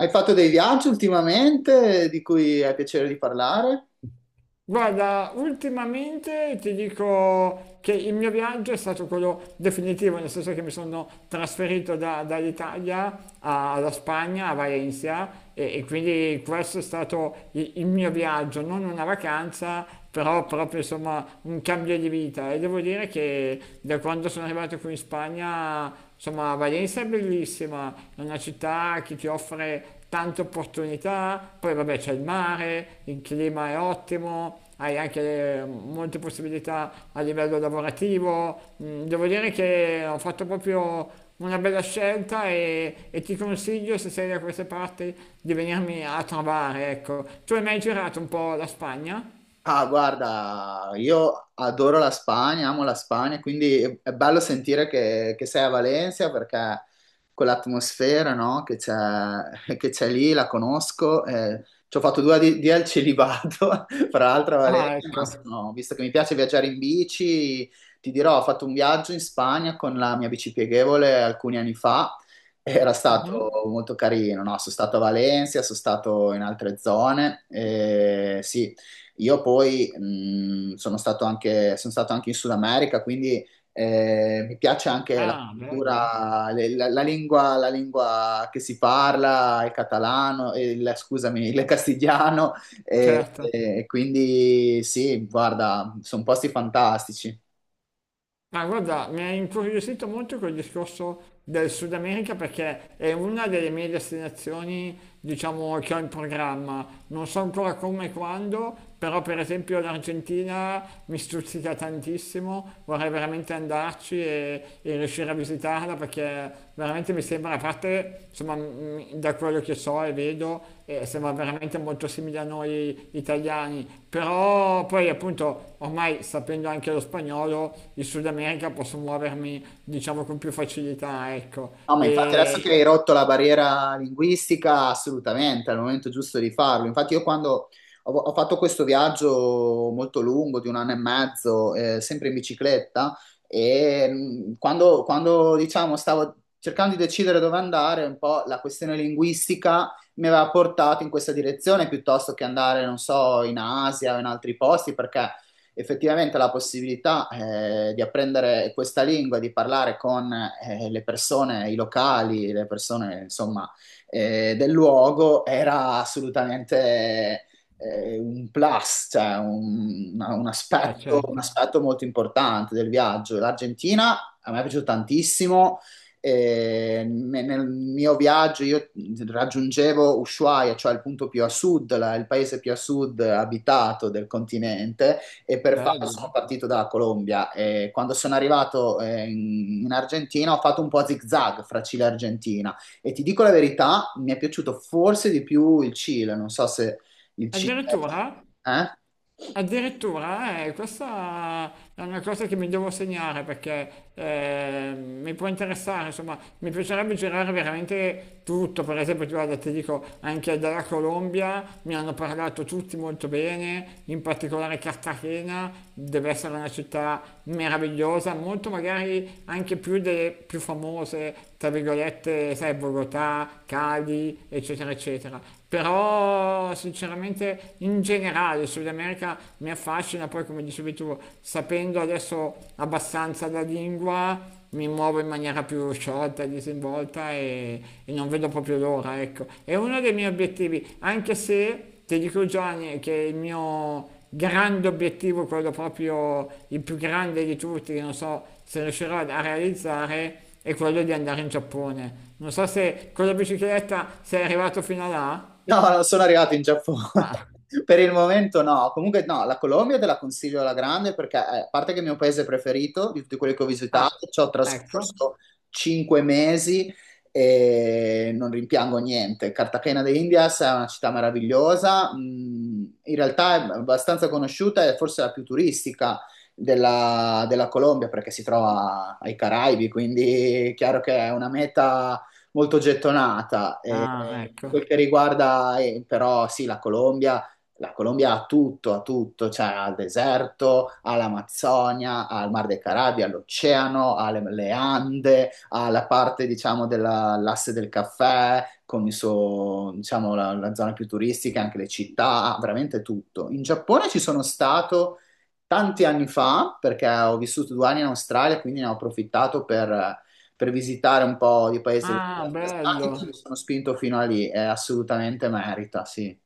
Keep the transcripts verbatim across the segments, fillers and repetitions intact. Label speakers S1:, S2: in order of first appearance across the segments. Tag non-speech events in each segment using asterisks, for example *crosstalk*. S1: Hai fatto dei viaggi ultimamente di cui hai piacere di parlare?
S2: Guarda, ultimamente ti dico che il mio viaggio è stato quello definitivo, nel senso che mi sono trasferito da- dall'Italia a- alla Spagna, a Valencia, e, e quindi questo è stato i- il, mio viaggio, non una vacanza, però proprio insomma un cambio di vita. E devo dire che da quando sono arrivato qui in Spagna, insomma, Valencia è bellissima, è una città che ti offre tante opportunità, poi vabbè c'è il mare, il clima è ottimo, hai anche molte possibilità a livello lavorativo. Mm, Devo dire che ho fatto proprio una bella scelta e, e ti consiglio, se sei da queste parti, di venirmi a trovare, ecco. Tu hai mai girato un po' la Spagna?
S1: Ah, guarda, io adoro la Spagna, amo la Spagna, quindi è è bello sentire che, che sei a Valencia perché quell'atmosfera, no, che c'è che c'è lì, la conosco. Eh, ci ho fatto due adi- di al celibato, *laughs* fra l'altro a
S2: Ah,
S1: Valencia, ma
S2: ecco.
S1: sono- visto che mi piace viaggiare in bici, ti dirò, ho fatto un viaggio in Spagna con la mia bici pieghevole alcuni anni fa. Era stato
S2: Mhm.
S1: molto carino, no? Sono stato a Valencia, sono stato in altre zone, eh, sì, io poi mh, sono stato anche, sono stato anche in Sud America, quindi eh, mi piace anche la
S2: Ah, bello.
S1: cultura, le- la, la lingua, la lingua che si parla, il catalano, il, scusami, il castigliano, e,
S2: Certo.
S1: e quindi sì, guarda, sono posti fantastici.
S2: Ma guarda, mi ha incuriosito molto quel discorso del Sud America perché è una delle mie destinazioni, diciamo, che ho in programma. Non so ancora come e quando, però per esempio l'Argentina mi stuzzica tantissimo, vorrei veramente andarci e, e riuscire a visitare citarla perché veramente mi sembra, a parte insomma, mh, da quello che so e vedo, eh, sembra veramente molto simile a noi italiani, però poi appunto ormai sapendo anche lo spagnolo, in Sud America posso muovermi diciamo con più facilità, ecco.
S1: No, ma infatti adesso che
S2: E
S1: hai rotto la barriera linguistica, assolutamente, è il momento giusto di farlo. Infatti io quando ho, ho fatto questo viaggio molto lungo, di un anno e mezzo, eh, sempre in bicicletta, e mh, quando, quando, diciamo, stavo cercando di decidere dove andare, un po' la questione linguistica mi aveva portato in questa direzione piuttosto che andare, non so, in Asia o in altri posti, perché effettivamente la possibilità eh, di apprendere questa lingua, di parlare con eh, le persone, i locali, le persone insomma eh, del luogo era assolutamente eh, un plus, cioè un, un
S2: eh,
S1: aspetto, un
S2: certo,
S1: aspetto molto importante del viaggio. L'Argentina a me è piaciuto tantissimo. E me- nel mio viaggio io raggiungevo Ushuaia, cioè il punto più a sud, la- il paese più a sud abitato del continente, e per farlo sono
S2: bello.
S1: partito dalla Colombia. E quando sono arrivato eh, in, in Argentina ho fatto un po' a zig-zag fra Cile e Argentina e ti dico la verità, mi è piaciuto forse di più il Cile, non so se il Cile...
S2: Addirittura?
S1: Eh?
S2: Addirittura, eh, questa è una cosa che mi devo segnare perché eh, mi può interessare, insomma, mi piacerebbe girare veramente tutto, per esempio, ti guarda, ti dico, anche dalla Colombia mi hanno parlato tutti molto bene, in particolare Cartagena, deve essere una città meravigliosa, molto magari anche più delle più famose, tra virgolette, sai, Bogotà, Cali, eccetera, eccetera. Però sinceramente in generale il Sud America mi affascina, poi come dicevi tu, sapendo adesso abbastanza la lingua, mi muovo in maniera più sciolta, disinvolta e, e non vedo proprio l'ora, ecco. È uno dei miei obiettivi, anche se ti dico Gianni che il mio grande obiettivo, quello proprio il più grande di tutti, che non so se riuscirò a realizzare, è quello di andare in Giappone. Non so se con la bicicletta sei arrivato fino là.
S1: No, non sono arrivato in Giappone. *laughs*
S2: Ah.
S1: Per il momento no. Comunque no, la Colombia te la consiglio alla grande perché, eh, a parte che è il mio paese preferito di tutti quelli che ho
S2: Ah,
S1: visitato, ci ho
S2: ecco.
S1: trascorso cinque mesi e non rimpiango niente. Cartagena de Indias è una città meravigliosa, mm, in realtà è abbastanza conosciuta e forse la più turistica della, della Colombia perché si trova ai Caraibi, quindi è chiaro che è una meta molto gettonata. Eh,
S2: Ah,
S1: per
S2: ecco.
S1: quel che riguarda, eh, però, sì, la Colombia, la Colombia ha tutto, ha tutto, cioè ha il deserto, ha l'Amazzonia, ha il Mar dei Caraibi, ha l'oceano, ha le, le Ande, ha la parte, diciamo, dell'asse del caffè, con il suo, diciamo, la, la zona più turistica, anche le città, ha veramente tutto. In Giappone ci sono stato tanti anni fa, perché ho vissuto due anni in Australia, quindi ne ho approfittato per per visitare un po' di paesi
S2: Ah,
S1: dell'est asiatico, e mi
S2: bello.
S1: sono spinto fino a lì, è assolutamente merita, sì.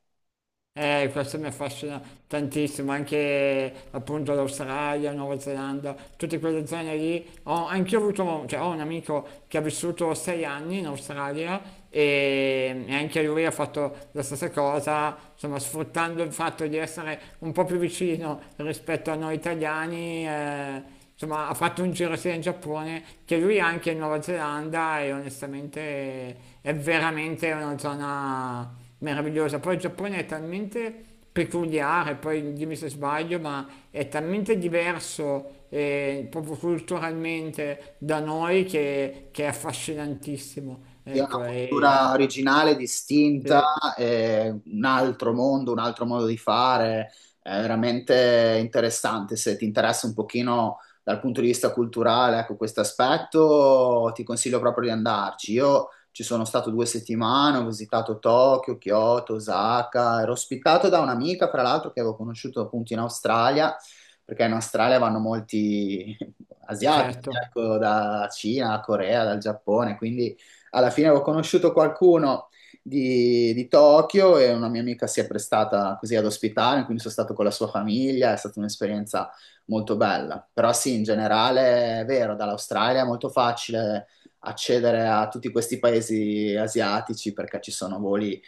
S2: Eh, questo mi affascina tantissimo, anche appunto l'Australia, Nuova Zelanda, tutte quelle zone lì. Ho, anch'io ho avuto, cioè, ho un amico che ha vissuto sei anni in Australia e, e anche lui ha fatto la stessa cosa, insomma, sfruttando il fatto di essere un po' più vicino rispetto a noi italiani. eh, Insomma, ha fatto un giro sia in Giappone che lui anche in Nuova Zelanda e onestamente è veramente una zona meravigliosa. Poi il Giappone è talmente peculiare, poi dimmi se sbaglio, ma è talmente diverso eh, proprio culturalmente da noi che, che è affascinantissimo.
S1: Sì, è una
S2: Ecco, e,
S1: cultura originale, distinta,
S2: e-
S1: è un altro mondo, un altro modo di fare, è veramente interessante. Se ti interessa un pochino dal punto di vista culturale, ecco, questo aspetto, ti consiglio proprio di andarci. Io ci sono stato due settimane, ho visitato Tokyo, Kyoto, Osaka, ero ospitato da un'amica, fra l'altro, che avevo conosciuto appunto in Australia, perché in Australia vanno molti *laughs* asiatici,
S2: certo,
S1: ecco, da Cina, Corea, dal Giappone, quindi alla fine avevo conosciuto qualcuno di, di Tokyo e una mia amica si è prestata così ad ospitare, quindi sono stato con la sua famiglia, è stata un'esperienza molto bella. Però sì, in generale è vero, dall'Australia è molto facile accedere a tutti questi paesi asiatici perché ci sono voli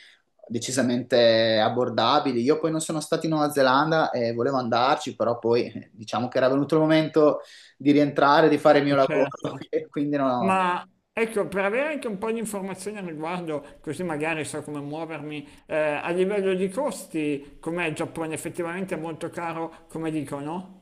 S1: decisamente abbordabili. Io poi non sono stato in Nuova Zelanda e volevo andarci, però poi eh, diciamo che era venuto il momento di rientrare, di fare il mio
S2: e
S1: lavoro,
S2: certo.
S1: *laughs* e quindi no,
S2: Ma ecco, per avere anche un po' di informazioni al riguardo, così magari so come muovermi, eh, a livello di costi, com'è il Giappone? Effettivamente è molto caro, come dicono?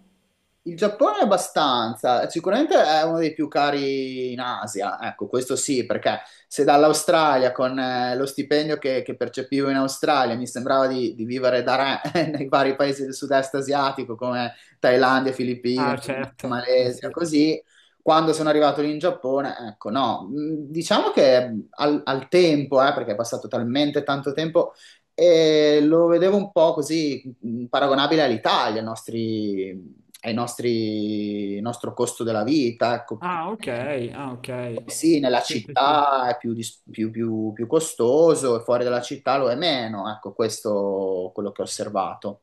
S1: il Giappone è abbastanza, sicuramente è uno dei più cari in Asia, ecco, questo sì, perché se dall'Australia con eh, lo stipendio che, che percepivo in Australia mi sembrava di, di vivere da re *laughs* nei vari paesi del sud-est asiatico come Thailandia, Filippine,
S2: Ah,
S1: Indonesia,
S2: certo, eh
S1: Malesia,
S2: sì.
S1: così, quando sono arrivato lì in Giappone, ecco, no, mh, diciamo che al, al tempo, eh, perché è passato talmente tanto tempo, e lo vedevo un po' così mh, paragonabile all'Italia, ai nostri ai nostri, il nostro costo della vita, ecco, più-
S2: Ah, ok,
S1: eh,
S2: ah, ok.
S1: sì, nella
S2: Sì, sì, sì.
S1: città è più, dis- più- più- più costoso e fuori dalla città lo è meno, ecco, questo è quello che ho osservato.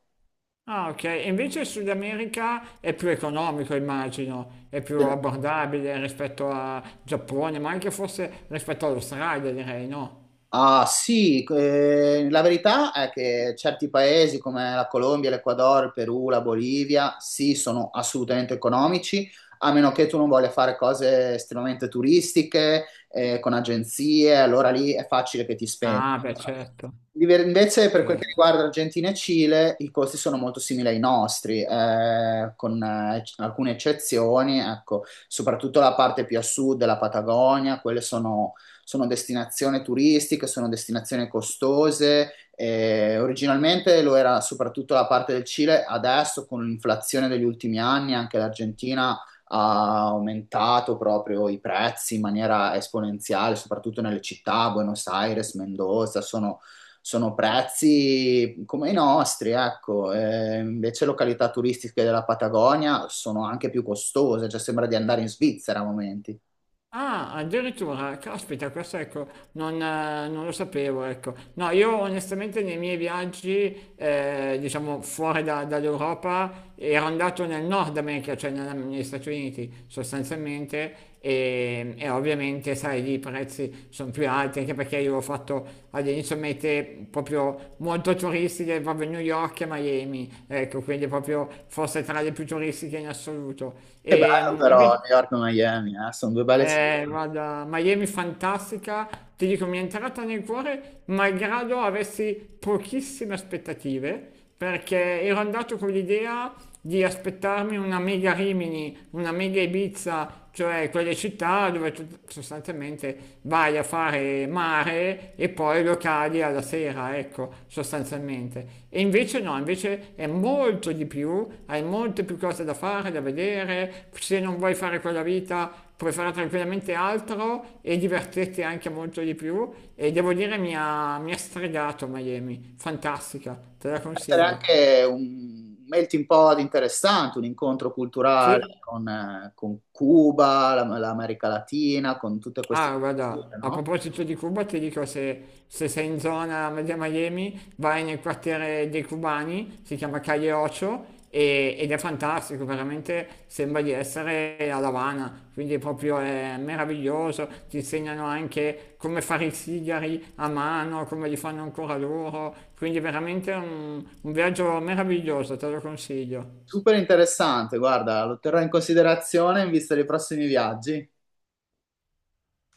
S2: Ah, ok. E invece il Sud America è più economico, immagino, è più abbordabile rispetto a Giappone, ma anche forse rispetto all'Australia, direi, no?
S1: Ah sì, eh, la verità è che certi paesi come la Colombia, l'Ecuador, il Perù, la Bolivia, sì, sono assolutamente economici, a meno che tu non voglia fare cose estremamente turistiche, eh, con agenzie, allora lì è facile che ti spendi.
S2: Ah, beh, certo,
S1: Diver- Invece per quel che
S2: certo.
S1: riguarda Argentina e Cile, i costi sono molto simili ai nostri, eh, con eh, alcune eccezioni, ecco, soprattutto la parte più a sud della Patagonia, quelle sono sono destinazioni turistiche, sono destinazioni costose. Eh, originalmente lo era soprattutto la parte del Cile, adesso con l'inflazione degli ultimi anni anche l'Argentina ha aumentato proprio i prezzi in maniera esponenziale, soprattutto nelle città, Buenos Aires, Mendoza, sono, sono prezzi come i nostri, ecco. Eh, invece località turistiche della Patagonia sono anche più costose, cioè sembra di andare in Svizzera a momenti.
S2: Ah, addirittura, caspita, questo ecco, non, eh, non lo sapevo, ecco. No, io onestamente nei miei viaggi, eh, diciamo fuori da- dall'Europa, ero andato nel Nord America, cioè nella- negli Stati Uniti sostanzialmente, e, e ovviamente, sai, lì i prezzi sono più alti, anche perché io ho fatto all'inizio mete proprio molto turistiche, proprio New York e Miami, ecco, quindi proprio forse tra le più turistiche in assoluto.
S1: Che bello
S2: E,
S1: però
S2: invece-
S1: New York e Miami, eh, sono due belle città.
S2: eh, guarda, Miami fantastica, ti dico, mi è entrata nel cuore malgrado avessi pochissime aspettative, perché ero andato con l'idea di aspettarmi una mega Rimini, una mega Ibiza, cioè quelle città dove tu sostanzialmente vai a fare mare e poi locali alla sera, ecco, sostanzialmente. E invece no, invece è molto di più, hai molte più cose da fare, da vedere, se non vuoi fare quella vita puoi fare tranquillamente altro e divertirti anche molto di più e devo dire mi ha, mi ha stregato Miami, fantastica, te la
S1: Può essere
S2: consiglio.
S1: anche un melting pot interessante, un incontro culturale
S2: Sì.
S1: con, eh, con Cuba, la- l'America Latina, con tutte queste
S2: Ah, guarda,
S1: culture,
S2: a
S1: no?
S2: proposito di Cuba, ti dico se, se sei in zona media Miami, vai nel quartiere dei cubani, si chiama Calle Ocho, e- ed è fantastico, veramente sembra di essere a La Habana, quindi proprio è meraviglioso, ti insegnano anche come fare i sigari a mano, come li fanno ancora loro, quindi veramente un un viaggio meraviglioso, te lo consiglio.
S1: Super interessante, guarda, lo terrò in considerazione in vista dei prossimi viaggi.